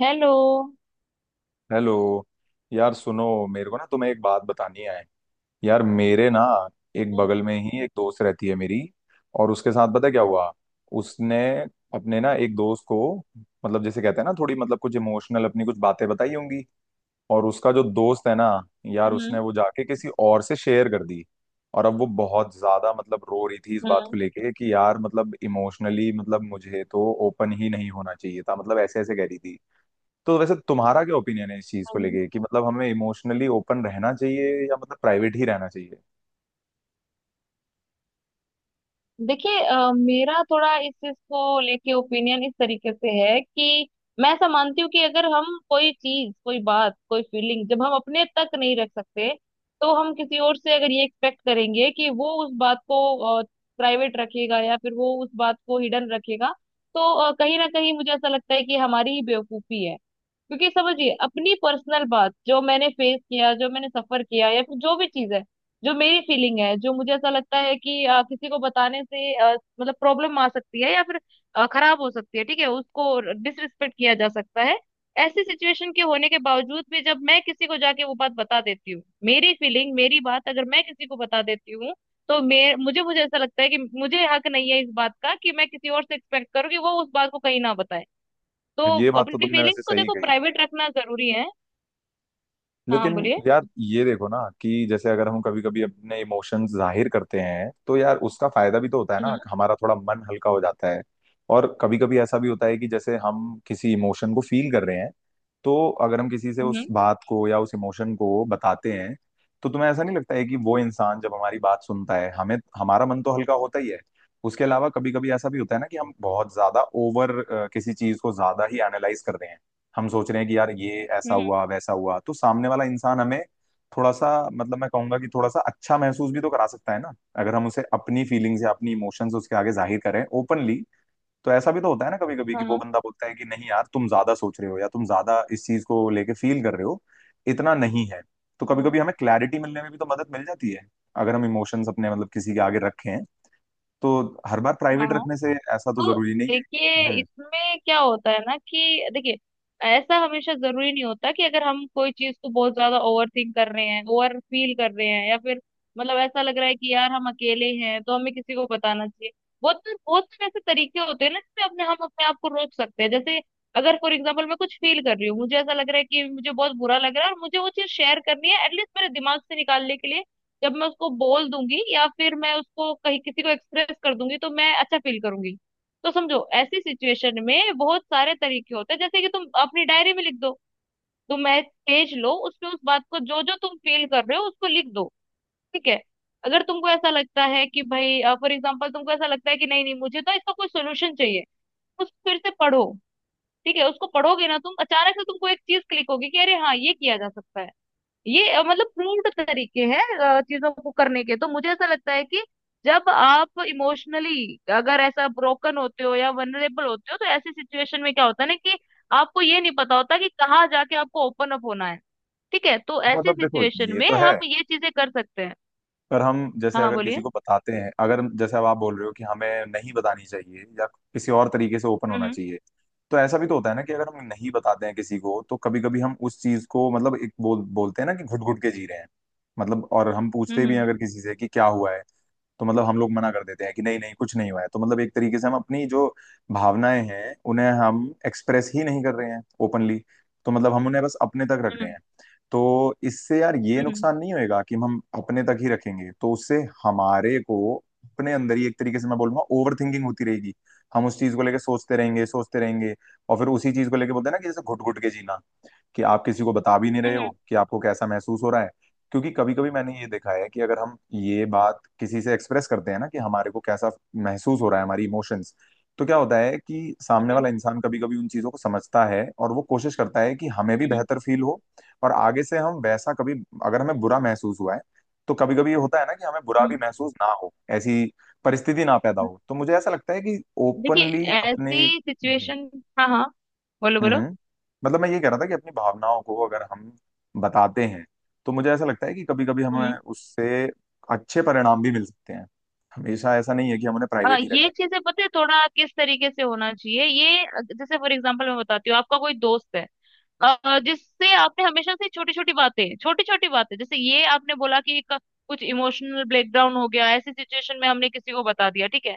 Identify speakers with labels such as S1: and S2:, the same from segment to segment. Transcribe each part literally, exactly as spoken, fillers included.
S1: Hello.
S2: Hello. यार सुनो, मेरे को ना तुम्हें एक बात बतानी है। यार मेरे ना एक
S1: हम्म।
S2: बगल में ही एक दोस्त रहती है मेरी। और उसके साथ पता है क्या हुआ? उसने अपने ना एक दोस्त को, मतलब जैसे कहते हैं ना, थोड़ी मतलब कुछ इमोशनल अपनी कुछ बातें बताई होंगी। और उसका जो दोस्त है ना, यार उसने वो जाके किसी और से शेयर कर दी। और अब वो बहुत ज्यादा मतलब रो रही थी इस बात को
S1: हम्म।
S2: लेके कि यार मतलब इमोशनली मतलब मुझे तो ओपन ही नहीं होना चाहिए था, मतलब ऐसे ऐसे कह रही थी। तो वैसे तुम्हारा क्या ओपिनियन है इस चीज को
S1: हम्म।
S2: लेके कि मतलब हमें इमोशनली ओपन रहना चाहिए या मतलब प्राइवेट ही रहना चाहिए?
S1: देखिए, अ, मेरा थोड़ा इस चीज को लेके ओपिनियन इस तरीके से है कि मैं ऐसा मानती हूँ कि अगर हम कोई चीज कोई बात कोई फीलिंग जब हम अपने तक नहीं रख सकते तो हम किसी और से अगर ये एक्सपेक्ट करेंगे कि वो उस बात को प्राइवेट रखेगा या फिर वो उस बात को हिडन रखेगा तो अ, कहीं ना कहीं मुझे ऐसा लगता है कि हमारी ही बेवकूफी है। क्योंकि समझिए अपनी पर्सनल बात जो मैंने फेस किया जो मैंने सफर किया या फिर जो भी चीज है जो मेरी फीलिंग है जो मुझे ऐसा लगता है कि अ, किसी को बताने से अ, मतलब प्रॉब्लम आ सकती है या फिर अ, खराब हो सकती है। ठीक है, उसको डिसरिस्पेक्ट किया जा सकता है। ऐसी सिचुएशन के होने के बावजूद भी जब मैं किसी को जाके वो बात बता देती हूँ मेरी फीलिंग मेरी बात अगर मैं किसी को बता देती हूँ तो मैं मुझे मुझे ऐसा लगता है कि मुझे हक नहीं है इस बात का कि मैं किसी और से एक्सपेक्ट करूँ कि वो उस बात को कहीं ना बताए। तो
S2: ये बात तो
S1: अपनी
S2: तुमने वैसे
S1: फीलिंग्स को
S2: सही
S1: देखो,
S2: कही।
S1: प्राइवेट रखना जरूरी है। हाँ, हाँ,
S2: लेकिन
S1: बोलिए।
S2: यार ये देखो ना कि जैसे अगर हम कभी कभी अपने इमोशंस जाहिर करते हैं तो यार उसका फायदा भी तो होता है ना,
S1: हम्म,
S2: हमारा थोड़ा मन हल्का हो जाता है। और कभी कभी ऐसा भी होता है कि जैसे हम किसी इमोशन को फील कर रहे हैं तो अगर हम किसी से उस
S1: हम्म,
S2: बात को या उस इमोशन को बताते हैं तो तुम्हें ऐसा नहीं लगता है कि वो इंसान जब हमारी बात सुनता है, हमें हमारा मन तो हल्का होता ही है। उसके अलावा कभी कभी ऐसा भी होता है ना कि हम बहुत ज्यादा ओवर किसी चीज को ज्यादा ही एनालाइज कर रहे हैं, हम सोच रहे हैं कि यार ये ऐसा
S1: हम्म।
S2: हुआ वैसा हुआ तो सामने वाला इंसान हमें थोड़ा सा, मतलब मैं कहूंगा कि थोड़ा सा अच्छा महसूस भी तो करा सकता है ना, अगर हम उसे अपनी फीलिंग्स या अपनी इमोशंस उसके आगे जाहिर करें ओपनली। तो ऐसा भी तो होता है ना कभी कभी कि
S1: हाँ,
S2: वो
S1: हाँ,
S2: बंदा बोलता है कि नहीं यार तुम ज्यादा सोच रहे हो या तुम ज्यादा इस चीज को लेके फील कर रहे हो, इतना नहीं है। तो कभी
S1: हाँ,
S2: कभी हमें क्लैरिटी मिलने में भी तो मदद मिल जाती है अगर हम इमोशंस अपने मतलब किसी के आगे रखें। तो हर बार
S1: हाँ,
S2: प्राइवेट
S1: हाँ।
S2: रखने से ऐसा तो
S1: तो
S2: जरूरी नहीं है।
S1: देखिए,
S2: हम्म।
S1: इसमें क्या होता है ना कि देखिए, ऐसा हमेशा जरूरी नहीं होता कि अगर हम कोई चीज को बहुत ज्यादा ओवर थिंक कर रहे हैं ओवर फील कर रहे हैं या फिर मतलब ऐसा लग रहा है कि यार हम अकेले हैं तो हमें किसी को बताना चाहिए। बहुत तो, बहुत सारे ऐसे तरीके होते हैं ना जिसमें अपने हम अपने आप को रोक सकते हैं, जैसे अगर फॉर एग्जाम्पल मैं कुछ फील कर रही हूँ, मुझे ऐसा लग रहा है कि मुझे बहुत बुरा लग रहा है और मुझे वो चीज शेयर करनी है, एटलीस्ट मेरे दिमाग से निकालने के लिए। जब मैं उसको बोल दूंगी या फिर मैं उसको कहीं किसी को एक्सप्रेस कर दूंगी तो मैं अच्छा फील करूंगी। तो समझो, ऐसी सिचुएशन में बहुत सारे तरीके होते हैं, जैसे कि तुम अपनी डायरी में लिख दो। तुम एक पेज लो, उसमें उस बात को जो जो तुम फील कर रहे हो उसको लिख दो। ठीक है। अगर तुमको ऐसा लगता है कि भाई फॉर एग्जाम्पल तुमको ऐसा लगता है कि नहीं, नहीं, मुझे तो इसका कोई सोल्यूशन चाहिए, उस फिर से पढ़ो। ठीक है, उसको पढ़ोगे ना तुम, अचानक से तुमको एक चीज क्लिक होगी कि अरे हाँ, ये किया जा सकता है। ये अ, मतलब प्रूव्ड तरीके हैं अ, चीजों को करने के, तो मुझे ऐसा लगता है कि जब आप इमोशनली अगर ऐसा ब्रोकन होते हो या वनरेबल होते हो तो ऐसी सिचुएशन में क्या होता है ना कि आपको ये नहीं पता होता कि कहाँ जाके आपको ओपन अप होना है। ठीक है, तो ऐसी
S2: मतलब देखो,
S1: सिचुएशन
S2: ये
S1: में
S2: तो है।
S1: हम ये चीजें कर सकते हैं।
S2: पर हम जैसे
S1: हाँ, हाँ,
S2: अगर किसी
S1: बोलिए।
S2: को बताते हैं, अगर हम- जैसे अब आप बोल रहे हो कि हमें नहीं बतानी चाहिए या किसी और तरीके से ओपन होना
S1: हम्म।
S2: चाहिए, तो ऐसा भी तो होता है ना कि अगर हम नहीं बताते हैं किसी को तो कभी कभी हम उस चीज को, मतलब एक बोल बोलते हैं ना कि घुट घुट के जी रहे हैं। मतलब और हम पूछते भी हैं
S1: हम्म।
S2: अगर किसी से कि क्या हुआ है तो मतलब हम लोग मना कर देते हैं कि नहीं नहीं कुछ नहीं हुआ है, तो मतलब एक तरीके से हम अपनी जो भावनाएं हैं उन्हें हम एक्सप्रेस ही नहीं कर रहे हैं ओपनली। तो मतलब हम उन्हें बस अपने तक रख रहे
S1: हम्म।
S2: हैं। तो इससे यार ये
S1: हम्म।
S2: नुकसान नहीं होएगा कि हम अपने तक ही रखेंगे तो उससे हमारे को अपने अंदर ही एक तरीके से मैं बोलूंगा ओवर थिंकिंग होती रहेगी। हम उस चीज को लेके सोचते रहेंगे सोचते रहेंगे, और फिर उसी चीज को लेके बोलते हैं ना कि जैसे घुट घुट के जीना कि आप किसी को बता भी नहीं रहे
S1: हम्म। हम्म।
S2: हो कि आपको कैसा महसूस हो रहा है। क्योंकि कभी कभी मैंने ये देखा है कि अगर हम ये बात किसी से एक्सप्रेस करते हैं ना कि हमारे को कैसा महसूस हो रहा है हमारी इमोशंस, तो क्या होता है कि सामने
S1: हम्म।
S2: वाला इंसान कभी कभी उन चीजों को समझता है और वो कोशिश करता है कि हमें भी
S1: हम्म,
S2: बेहतर फील हो। और आगे से हम वैसा कभी, अगर हमें बुरा महसूस हुआ है तो कभी कभी ये होता है ना कि हमें बुरा भी
S1: हम्म,
S2: महसूस ना हो ऐसी परिस्थिति ना पैदा
S1: हम्म।
S2: हो। तो मुझे ऐसा लगता है कि
S1: देखिए,
S2: ओपनली अपने।
S1: ऐसी
S2: जी।
S1: सिचुएशन। हाँ, हाँ, बोलो,
S2: हम्म
S1: बोलो।
S2: हम्म। मतलब मैं ये कह रहा था कि अपनी भावनाओं को अगर हम बताते हैं तो मुझे ऐसा लगता है कि कभी कभी हमें उससे अच्छे परिणाम भी मिल सकते हैं, हमेशा ऐसा नहीं है कि हम उन्हें
S1: अ,
S2: प्राइवेट ही
S1: ये
S2: रखें।
S1: चीजें पता है थोड़ा किस तरीके से होना चाहिए, ये अ, जैसे फॉर एग्जांपल मैं बताती हूँ, आपका कोई दोस्त है अ, जिससे आपने हमेशा से छोटी छोटी बातें छोटी छोटी बातें जैसे ये आपने बोला कि एक कुछ इमोशनल ब्रेकडाउन हो गया, ऐसी सिचुएशन में हमने किसी को बता दिया। ठीक है,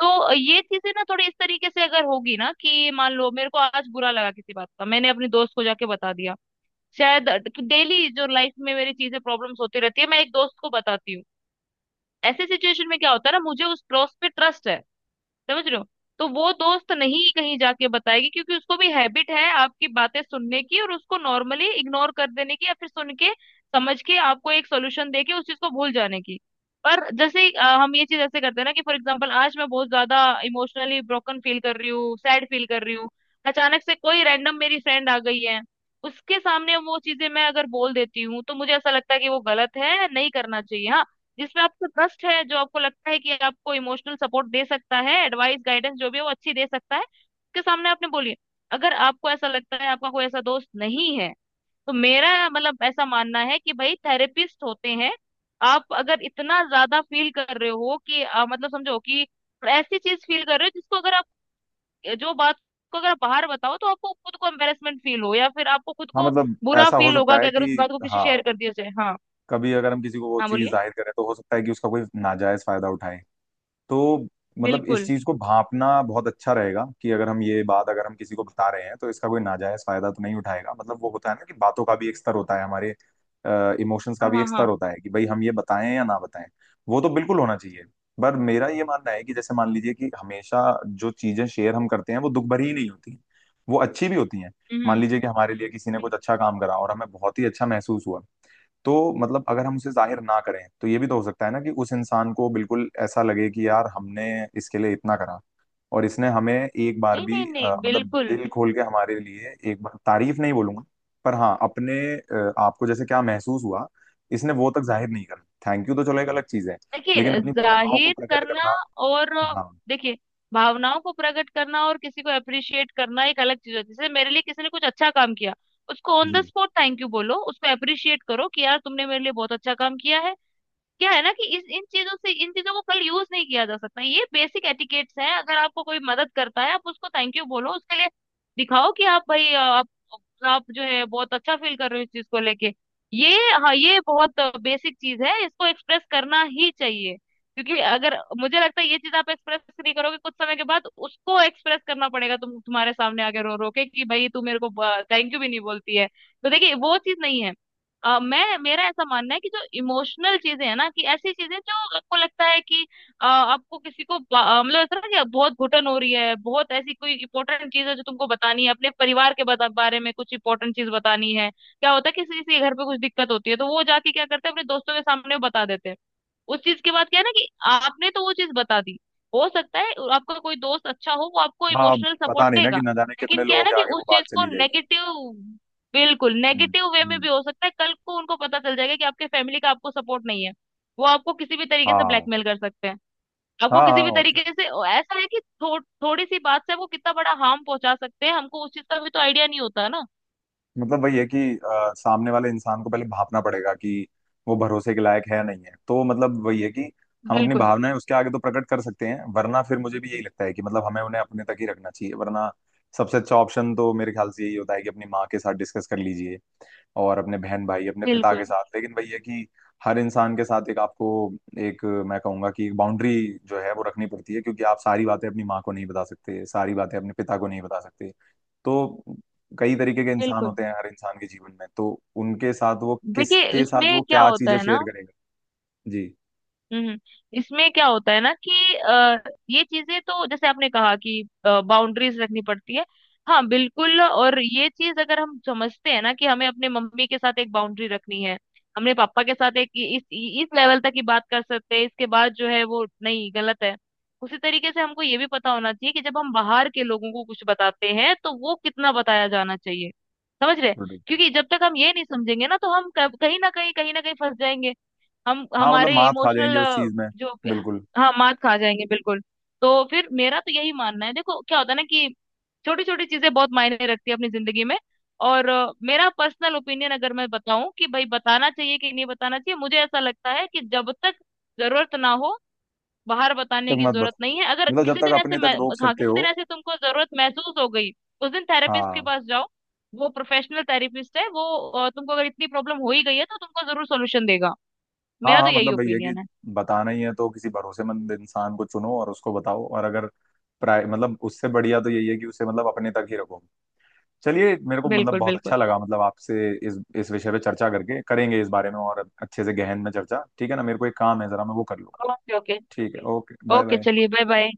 S1: तो अ, ये चीजें ना थोड़ी इस तरीके से अगर होगी ना कि मान लो मेरे को आज बुरा लगा किसी बात का, मैंने अपने दोस्त को जाके बता दिया। शायद डेली जो लाइफ में मेरी चीजें प्रॉब्लम्स होती रहती है, मैं एक दोस्त को बताती हूँ। ऐसे सिचुएशन में क्या होता है ना, मुझे उस दोस्त पे ट्रस्ट है। समझ रहे हो? तो वो दोस्त नहीं कहीं जाके बताएगी, क्योंकि उसको भी हैबिट है आपकी बातें सुनने की और उसको नॉर्मली इग्नोर कर देने की, या फिर सुन के समझ के आपको एक सोल्यूशन दे के उस चीज को भूल जाने की। पर जैसे ही अ, हम ये चीज ऐसे करते हैं ना कि फॉर एग्जाम्पल आज मैं बहुत ज्यादा इमोशनली ब्रोकन फील कर रही हूँ, सैड फील कर रही हूँ, अचानक से कोई रैंडम मेरी फ्रेंड आ गई है, उसके सामने वो चीजें मैं अगर बोल देती हूँ, तो मुझे ऐसा लगता है कि वो गलत है, नहीं करना चाहिए। हाँ, जिसमें आपको ट्रस्ट है, जो आपको लगता है कि आपको इमोशनल सपोर्ट दे सकता है, एडवाइस गाइडेंस जो भी है वो अच्छी दे सकता है, उसके सामने आपने बोलिए। अगर आपको ऐसा लगता है आपका कोई ऐसा दोस्त नहीं है, तो मेरा मतलब ऐसा मानना है कि भाई थेरेपिस्ट होते हैं। आप अगर इतना ज्यादा फील कर रहे हो कि आ, मतलब समझो कि ऐसी चीज फील कर रहे हो जिसको अगर आप जो बात को अगर आप बाहर बताओ तो आपको खुद को एम्बेरसमेंट फील हो या फिर आपको खुद
S2: हाँ,
S1: को
S2: मतलब
S1: बुरा
S2: ऐसा हो
S1: फील होगा
S2: सकता
S1: कि
S2: है
S1: अगर उस
S2: कि,
S1: बात को किसी
S2: हाँ,
S1: शेयर कर दिया जाए। हाँ।
S2: कभी अगर हम किसी को वो
S1: हाँ,
S2: चीज
S1: बोलिए।
S2: जाहिर करें तो हो सकता है कि उसका कोई नाजायज फायदा उठाए। तो मतलब इस
S1: बिल्कुल।
S2: चीज को भांपना बहुत अच्छा रहेगा कि अगर हम ये बात अगर हम किसी को बता रहे हैं तो इसका कोई नाजायज फायदा तो नहीं उठाएगा, मतलब वो होता है ना कि बातों का भी एक स्तर होता है, हमारे इमोशंस का
S1: हाँ,
S2: भी
S1: हाँ,
S2: एक स्तर
S1: हाँ।
S2: होता है कि भाई हम ये बताएं या ना बताएं। वो तो बिल्कुल होना चाहिए। पर मेरा ये मानना है कि जैसे मान लीजिए कि हमेशा जो चीजें शेयर हम करते हैं वो दुख भरी ही नहीं होती, वो अच्छी भी होती हैं।
S1: हम्म,
S2: मान
S1: हम्म।
S2: लीजिए कि हमारे लिए किसी ने
S1: नहीं,
S2: कुछ अच्छा काम करा और हमें बहुत ही अच्छा महसूस हुआ, तो मतलब अगर हम उसे जाहिर ना करें तो ये भी तो हो सकता है ना कि उस इंसान को बिल्कुल ऐसा लगे कि यार हमने इसके लिए इतना करा और इसने हमें एक बार भी
S1: नहीं, नहीं,
S2: अ, मतलब
S1: बिल्कुल।
S2: दिल खोल के हमारे लिए एक बार तारीफ नहीं बोलूंगा। पर हाँ अपने अ, आपको जैसे क्या महसूस हुआ, इसने वो तक जाहिर नहीं करा, थैंक यू तो चलो एक अलग चीज है, लेकिन
S1: देखिए,
S2: अपनी भावनाओं को
S1: जाहिर
S2: प्रकट
S1: करना
S2: करना।
S1: और
S2: हाँ।
S1: देखिए, भावनाओं को प्रकट करना और किसी को अप्रिशिएट करना एक अलग चीज होती है, जैसे मेरे लिए किसी ने कुछ अच्छा काम किया, उसको ऑन द
S2: जी।
S1: स्पॉट थैंक यू बोलो, उसको अप्रिशिएट करो कि यार तुमने मेरे लिए बहुत अच्छा काम किया है। क्या है ना कि इस इन चीजों से, इन चीजों को कल यूज नहीं किया जा सकता, ये बेसिक एटिकेट्स है, अगर आपको कोई मदद करता है आप उसको थैंक यू बोलो, उसके लिए दिखाओ कि आप भाई अ, आप आप जो है बहुत अच्छा फील कर रहे हो इस चीज को लेके। ये हाँ, ये बहुत बेसिक चीज है, इसको एक्सप्रेस करना ही चाहिए। क्योंकि अगर मुझे लगता है ये चीज आप एक्सप्रेस नहीं करोगे कुछ समय के बाद उसको एक्सप्रेस करना पड़ेगा, तुम तुम्हारे सामने आके रो रो के कि भाई तू मेरे को थैंक यू भी नहीं बोलती है। तो देखिए, वो चीज नहीं है। अ, मैं मेरा ऐसा मानना है कि जो इमोशनल चीजें है ना, कि ऐसी चीजें जो आपको लगता है कि अ, आपको किसी को बा- अ, मतलब ऐसा ना कि बहुत घुटन हो रही है, बहुत ऐसी कोई इंपॉर्टेंट चीज है जो तुमको बतानी है, अपने परिवार के बता, बारे में कुछ इंपॉर्टेंट चीज बतानी है। क्या होता है कि किसी किसी के घर पे कुछ दिक्कत होती है तो वो जाके क्या करते हैं, अपने दोस्तों के सामने बता देते हैं। उस चीज के बाद क्या है ना कि आपने तो वो चीज बता दी, हो सकता है आपका कोई दोस्त अच्छा हो, वो आपको
S2: हाँ, अब
S1: इमोशनल सपोर्ट
S2: पता नहीं ना कि
S1: देगा।
S2: न जाने कितने
S1: लेकिन क्या है
S2: लोगों
S1: ना
S2: के
S1: कि
S2: आगे वो
S1: उस
S2: बात
S1: चीज को
S2: चली जाएगी।
S1: नेगेटिव, बिल्कुल
S2: हम्म
S1: नेगेटिव वे में
S2: हम्म।
S1: भी हो सकता है, कल को उनको पता चल जाएगा कि आपके फैमिली का आपको सपोर्ट नहीं है, वो आपको किसी भी तरीके से
S2: हाँ
S1: ब्लैकमेल कर सकते हैं,
S2: हाँ
S1: आपको किसी
S2: हाँ
S1: भी
S2: और क्या।
S1: तरीके से। ऐसा है कि थो, थोड़ी सी बात से वो कितना बड़ा हार्म पहुंचा सकते हैं हमको, उस चीज का भी तो आइडिया नहीं होता ना।
S2: मतलब वही है कि अ, सामने वाले इंसान को पहले भापना पड़ेगा कि वो भरोसे के लायक है या नहीं है, तो मतलब वही है कि हम अपनी
S1: बिल्कुल,
S2: भावनाएं उसके आगे तो प्रकट कर सकते हैं, वरना फिर मुझे भी यही लगता है कि मतलब हमें उन्हें अपने तक ही रखना चाहिए। वरना सबसे अच्छा ऑप्शन तो मेरे ख्याल से यही होता है कि अपनी माँ के साथ डिस्कस कर लीजिए और अपने बहन भाई अपने पिता के
S1: बिल्कुल,
S2: साथ। लेकिन वही है कि हर इंसान के साथ एक आपको, एक मैं कहूंगा कि बाउंड्री जो है वो रखनी पड़ती है, क्योंकि आप सारी बातें अपनी माँ को नहीं बता सकते, सारी बातें अपने पिता को नहीं बता सकते। तो कई तरीके के इंसान
S1: बिल्कुल।
S2: होते हैं हर इंसान के जीवन में, तो उनके साथ वो
S1: देखिए,
S2: किसके साथ वो
S1: इसमें क्या
S2: क्या
S1: होता
S2: चीजें
S1: है
S2: शेयर
S1: ना।
S2: करेगा। जी।
S1: हम्म, हम्म। इसमें क्या होता है ना कि अ, ये चीजें तो जैसे आपने कहा कि बाउंड्रीज रखनी पड़ती है। हाँ, बिल्कुल, और ये चीज अगर हम समझते हैं ना कि हमें अपने मम्मी के साथ एक बाउंड्री रखनी है, हमने पापा के साथ एक इस इस लेवल तक ही बात कर सकते हैं, इसके बाद जो है वो नहीं, गलत है। उसी तरीके से हमको ये भी पता होना चाहिए कि जब हम बाहर के लोगों को कुछ बताते हैं तो वो कितना बताया जाना चाहिए। समझ रहे?
S2: बिल्कुल।
S1: क्योंकि जब तक हम ये नहीं समझेंगे ना तो हम कब- कहीं ना कहीं कहीं ना कहीं फंस जाएंगे। हम
S2: हाँ, मतलब
S1: हमारे
S2: मात खा
S1: इमोशनल
S2: जाएंगे उस चीज में।
S1: जो।
S2: बिल्कुल।
S1: हाँ, मात खा जाएंगे, बिल्कुल। तो फिर मेरा तो यही मानना है, देखो क्या होता है ना कि छोटी छोटी चीजें बहुत मायने रखती है अपनी जिंदगी में। और अ, मेरा पर्सनल ओपिनियन अगर मैं बताऊं कि भाई बताना चाहिए कि नहीं बताना चाहिए, मुझे ऐसा लगता है कि जब तक जरूरत ना हो, बाहर
S2: तक
S1: बताने की
S2: मत
S1: जरूरत
S2: बताओ,
S1: नहीं है। अगर
S2: मतलब जब
S1: किसी
S2: तक
S1: दिन ऐसे
S2: अपने तक
S1: मैं-
S2: रोक
S1: हाँ,
S2: सकते
S1: किसी दिन
S2: हो।
S1: ऐसे तुमको जरूरत महसूस हो गई, उस दिन थेरेपिस्ट के
S2: हाँ।
S1: पास जाओ। वो प्रोफेशनल थेरेपिस्ट है, वो अ, तुमको अगर इतनी प्रॉब्लम हो ही गई है तो तुमको जरूर सोल्यूशन देगा।
S2: हाँ
S1: मेरा तो
S2: हाँ।
S1: यही
S2: मतलब वही है कि
S1: ओपिनियन है।
S2: बताना ही है तो किसी भरोसेमंद इंसान को चुनो और उसको बताओ, और अगर प्राय मतलब उससे बढ़िया तो यही है कि उसे मतलब अपने तक ही रखो। चलिए, मेरे को मतलब
S1: बिल्कुल,
S2: बहुत
S1: बिल्कुल।
S2: अच्छा लगा, मतलब आपसे इस इस विषय पे चर्चा करके। करेंगे इस बारे में और अच्छे से गहन में चर्चा, ठीक है ना? मेरे को एक काम है, जरा मैं वो कर लूँ।
S1: Okay, okay.
S2: ठीक है, ओके, बाय
S1: ओके,
S2: बाय।
S1: चलिए, बाय, बाय।